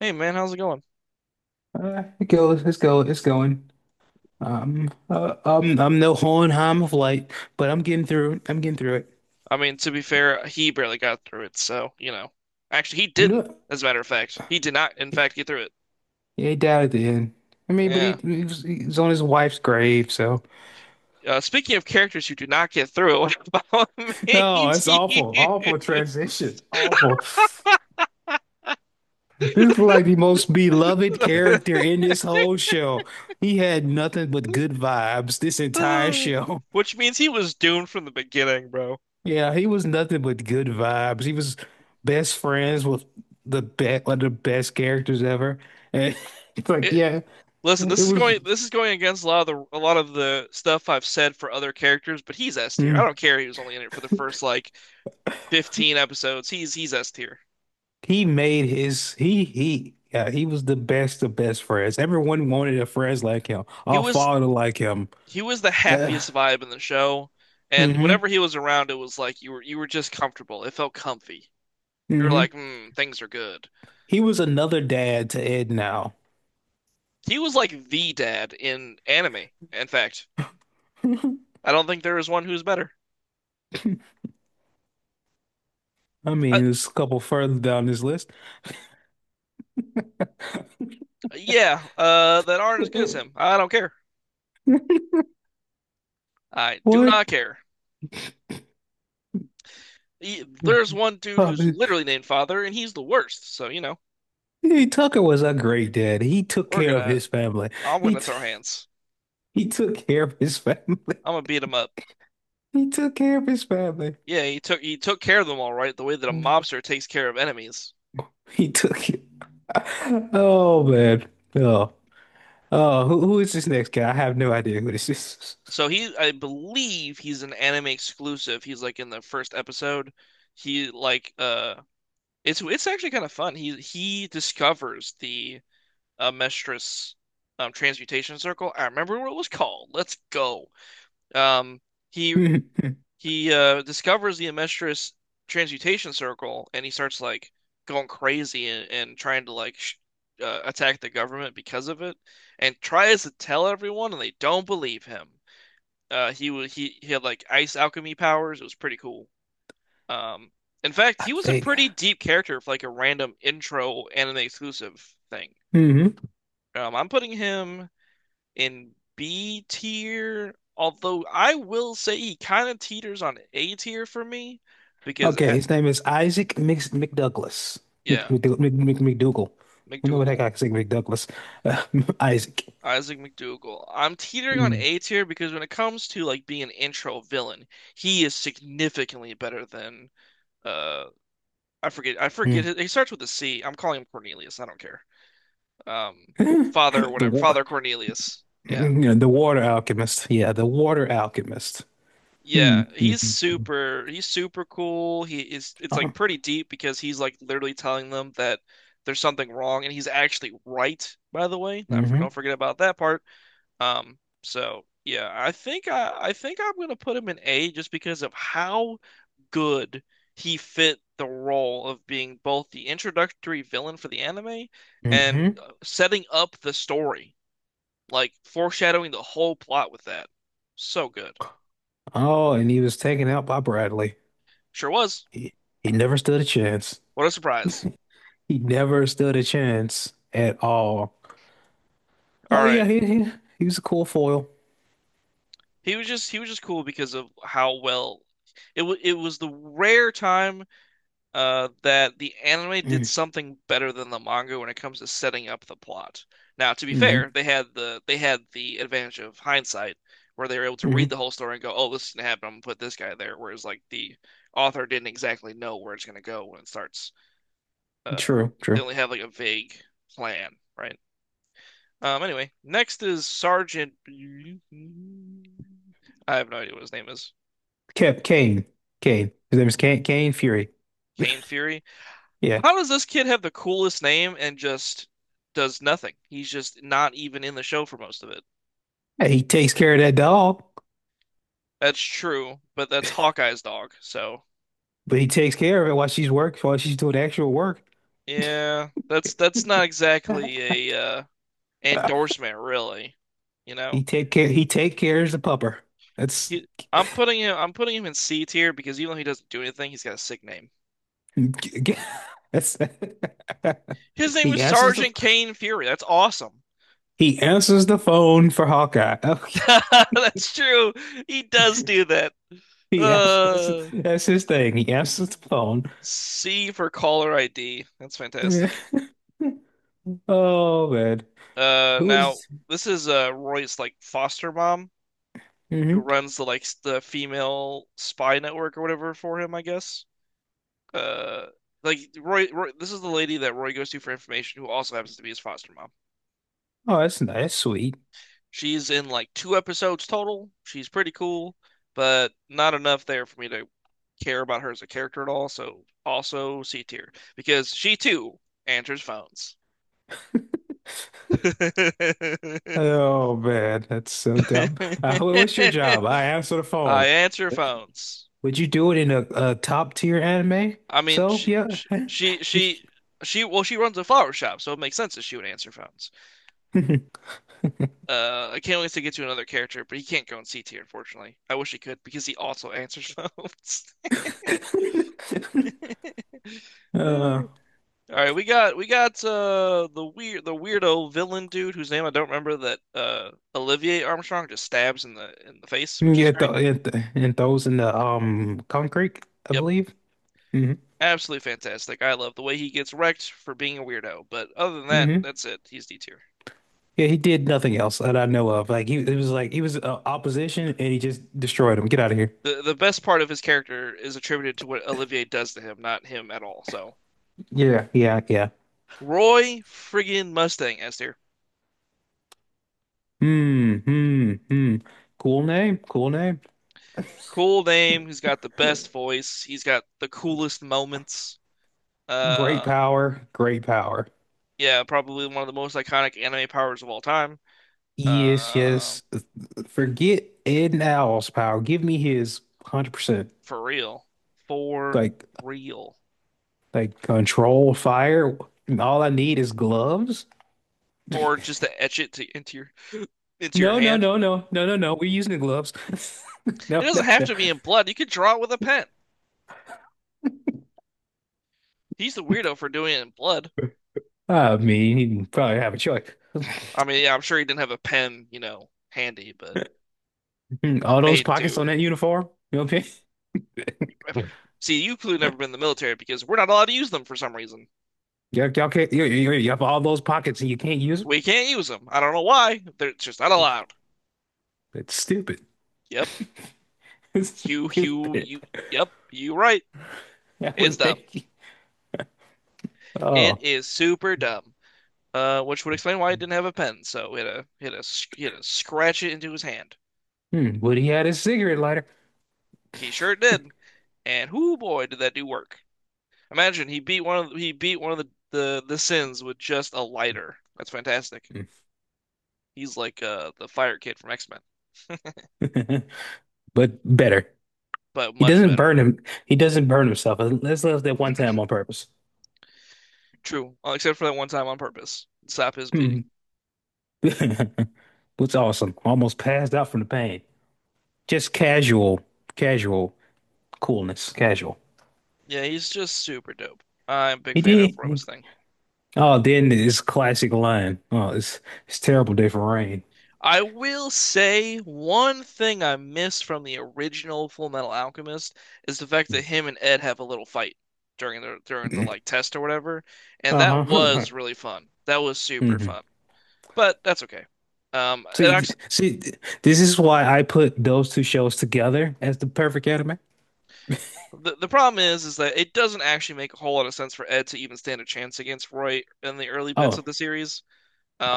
Hey man, how's it going? It goes, it's go, it's going. I'm no Hohenheim of light, but I'm getting through it. I mean, to be fair, he barely got through it, so, you know. Actually, he I'm didn't, doing. as a matter of fact. He did not, in fact, get through it. Yeah, he died at the end. I mean, but Yeah. He was on his wife's grave, so. Speaking of characters who do not get through, it, what about No, Maze it's awful. Awful transition. Hughes? Awful. This is like the most beloved character in this whole show. He had nothing but good vibes this entire show. Which means he was doomed from the beginning, bro. Yeah, he was nothing but good vibes. He was best friends with the best, one of the best characters ever. And it's like, It, yeah, listen, it this is was. going this is going against a lot of the stuff I've said for other characters, but he's S tier. I mm. don't care he was only in it for the first like 15 episodes. He's S tier. He made his he yeah, he was the best of best friends. Everyone wanted a friends like him. He All was father like him. he was the Uh, happiest vibe in the show, and hmm whenever he was around, it was like you were just comfortable. It felt comfy. You were hmm. like, mm, things are good. He was another dad to Ed now. He was like the dad in anime. In fact, I don't think there is one who's better. I Uh, mean, there's a couple further down this list. yeah, that aren't as good as him. I don't care. I do not What? care. There's one dude who's literally named Father, and he's the worst. So you know, Hey, Tucker was a great dad. He took we're care of gonna, his family. I'm He gonna t throw hands. he took care of his family. I'm gonna beat him up. He took care of his family. Yeah, he took care of them all right, the way that a Mm. mobster takes care of enemies. He took oh man. Oh. Oh, who is this next guy? I have no idea who this is. So I believe he's an anime exclusive. He's like in the first episode. He like It's actually kind of fun. He discovers the Mestris transmutation circle. I remember what it was called. Let's go. Um he I he discovers the Mestris transmutation circle and he starts like going crazy and trying to like sh attack the government because of it and tries to tell everyone and they don't believe him. He he had like ice alchemy powers. It was pretty cool. Um, in fact, he was a think. pretty deep character for like a random intro anime exclusive thing. Hmm. I'm putting him in B tier, although I will say he kind of teeters on A tier for me because Okay, his name is Isaac Mc McDouglas. Mc, yeah, McDou- Mc, Mc, McDougal. I don't know what the heck McDougal. I can say McDouglas. Uh, Isaac. Isaac McDougal. I'm teetering on Mm. A tier because when it comes to like being an intro villain, he is significantly better than uh I forget. I forget. Mm. He starts with a C. I'm calling him Cornelius. I don't care. Um, Father, The whatever. one. Father Cornelius. Yeah. Yeah, the water alchemist. Yeah, the water alchemist. Hmm. Yeah, he's Mhm. super he's super cool. He is it's Uh, like pretty deep because he's like literally telling them that there's something wrong and he's actually right, by the way. Not for hmm don't forget about that part. Um, so yeah, I think I'm gonna put him in A just because of how good he fit the role of being both the introductory villain for the anime and hmm. Setting up the story, like foreshadowing the whole plot with that. So good. Oh, and he was taken out by Bradley. Sure was. He, he never stood a chance. What a surprise. He never stood a chance at all. All Oh yeah, right. He was a cool foil. He was just cool because of how well it was the rare time that the anime did something better than the manga when it comes to setting up the plot. Now, to be Mm-hmm. fair, they had the advantage of hindsight, where they were able to read the Hmm. whole story and go, "Oh, this is gonna happen. I'm gonna put this guy there." Whereas, like the author didn't exactly know where it's gonna go when it starts. Uh, True, they true. only have like a vague plan, right? Anyway, next is Sergeant. I have no idea what his name is. Kept Kane. Kane. His name is Kane Fury. Kane Fury. Yeah. How does this kid have the coolest name and just does nothing? He's just not even in the show for most of it. Hey, he takes care of that dog, That's true, but that's Hawkeye's dog. So, but he takes care of it while she's work while she's doing actual work. yeah, that's not exactly a endorsement really, you He know. take care. He take cares the pupper. That's He I'm putting him in C tier because even though he doesn't do anything, he's got a sick name. that's. His name He was answers the Sergeant Kane Fury. That's awesome. he answers the phone for Hawkeye. That's true. He does do that. Okay. He answers, Uh, that's his thing. He answers the phone. C for caller ID. That's Yeah. fantastic. Oh man, who Now is- this is Roy's like foster mom who mhm. runs the female spy network or whatever for him, I guess. Uh, Roy, this is the lady that Roy goes to for information, who also happens to be his foster mom. Oh, that's nice, that's sweet. She's in like two episodes total. She's pretty cool, but not enough there for me to care about her as a character at all. So also C tier because she too answers phones. Oh man, that's so dumb. What's your job? I answer the I phone. answer Would you, phones. would you do it in a top tier anime? I mean, So she, yeah. she, she, she, she, well, she runs a flower shop, so it makes sense that she would answer phones. I can't wait to get to another character, but he can't go in C tier, unfortunately. I wish he could because he also answers phones. Uh, All right, we got the weirdo villain dude whose name I don't remember that Olivier Armstrong just stabs in the face, which is yeah, th great. and, those in the concrete, I Yep, believe. Hmm. absolutely fantastic. I love the way he gets wrecked for being a weirdo, but other than that, Hmm. that's it. He's D tier. Yeah, he did nothing else that I know of. Like he, it was like he was opposition, and he just destroyed him. Get out of here. The best part of his character is attributed to what Olivier does to him, not him at all. So Yeah, yeah, yeah. Roy friggin' Mustang Esther, Hmm, hmm, hmm. Cool name, cool name. cool name. He's got the best voice. He's got the coolest moments. Great Uh, power, great power. yeah, probably one of the most iconic anime powers of all time. Yes, Uh, yes. Forget Ed Owl's power. Give me his 100%. for real, for Like real, Like control fire. And all I need is gloves. or just to into your into your No, no, hand. no, no, no, no, no. We're using the gloves. It No, no, doesn't have no. to be in blood. You could draw it with a pen. He's the weirdo for doing it in blood. I mean, he probably have a choice. I mean, yeah, I'm sure he didn't have a pen, you know, handy, but All those made pockets on to. that uniform. You know what I See, you could have mean? never been in the military because we're not allowed to use them for some reason. Y'all, y'all can't. You have all those pockets and you can't use We can't use them. I don't know why. They're just not them. allowed. It's stupid. Yep. It's You, you, stupid. you. Yep. You right. That It's would dumb. make you. It Oh, is super dumb. Which would explain why he didn't have a pen. So he had to scratch it into his hand. hmm. Would he had his cigarette lighter? He sure did. And whoo boy, did that do work. Imagine he beat one of the sins with just a lighter. That's fantastic. He's like the fire kid from X-Men, But better. but He much doesn't better. burn him. He doesn't burn himself. Let's live that one time on purpose. True, except for that one time on purpose. Stop his bleeding. Hmm. What's awesome. Almost passed out from the pain. Just casual, casual coolness. Casual. Yeah, he's just super dope. I'm a big He fan of did. Rama's thing. Oh, then this classic line. Oh, it's terrible day for rain. I will say one thing I miss from the original Full Metal Alchemist is the fact that Hmm. him and Ed have a little fight during the like test or whatever, and that Uh-huh. was really fun. That was super Hmm. fun. But that's okay. It See, th- actually see, th- this is why I put those two shows together as the perfect anime. the problem is that it doesn't actually make a whole lot of sense for Ed to even stand a chance against Roy in the early bits Oh, of the series.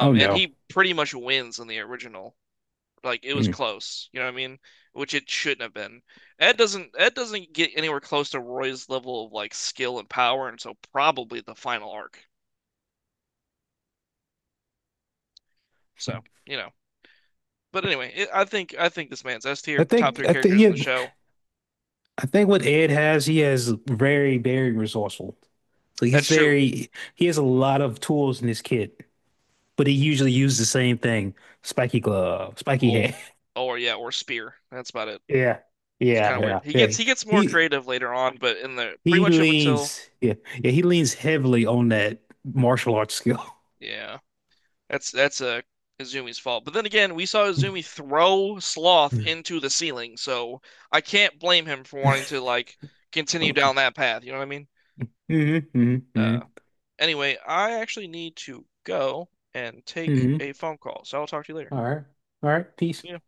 oh And no. he pretty much wins in the original. Like it was Mm. close, you know what I mean? Which it shouldn't have been. Ed doesn't get anywhere close to Roy's level of like skill and power until probably the final arc. So, you know. But anyway, I think this man's S tier top three I think, characters in the yeah, show. I think what Ed has, he has very, very resourceful. So That's he's true. very, he has a lot of tools in his kit, but he usually uses the same thing: spiky glove, spiky Or hand. or yeah, or Spear. That's about it. Yeah, It's kind yeah, of weird. yeah, He gets yeah. he gets more He creative later on, but in the pretty he much up until leans, yeah, yeah. He leans heavily on that martial arts skill. yeah, that's a Izumi's fault. But then again, we saw Izumi throw Sloth into the ceiling, so I can't blame him for wanting to like continue Mm-hmm, down that path. You know what I mean? Uh, mm-hmm, anyway, I actually need to go and take mm-hmm. a phone call, so I'll talk to you later. All right, all right. Peace. Yeah.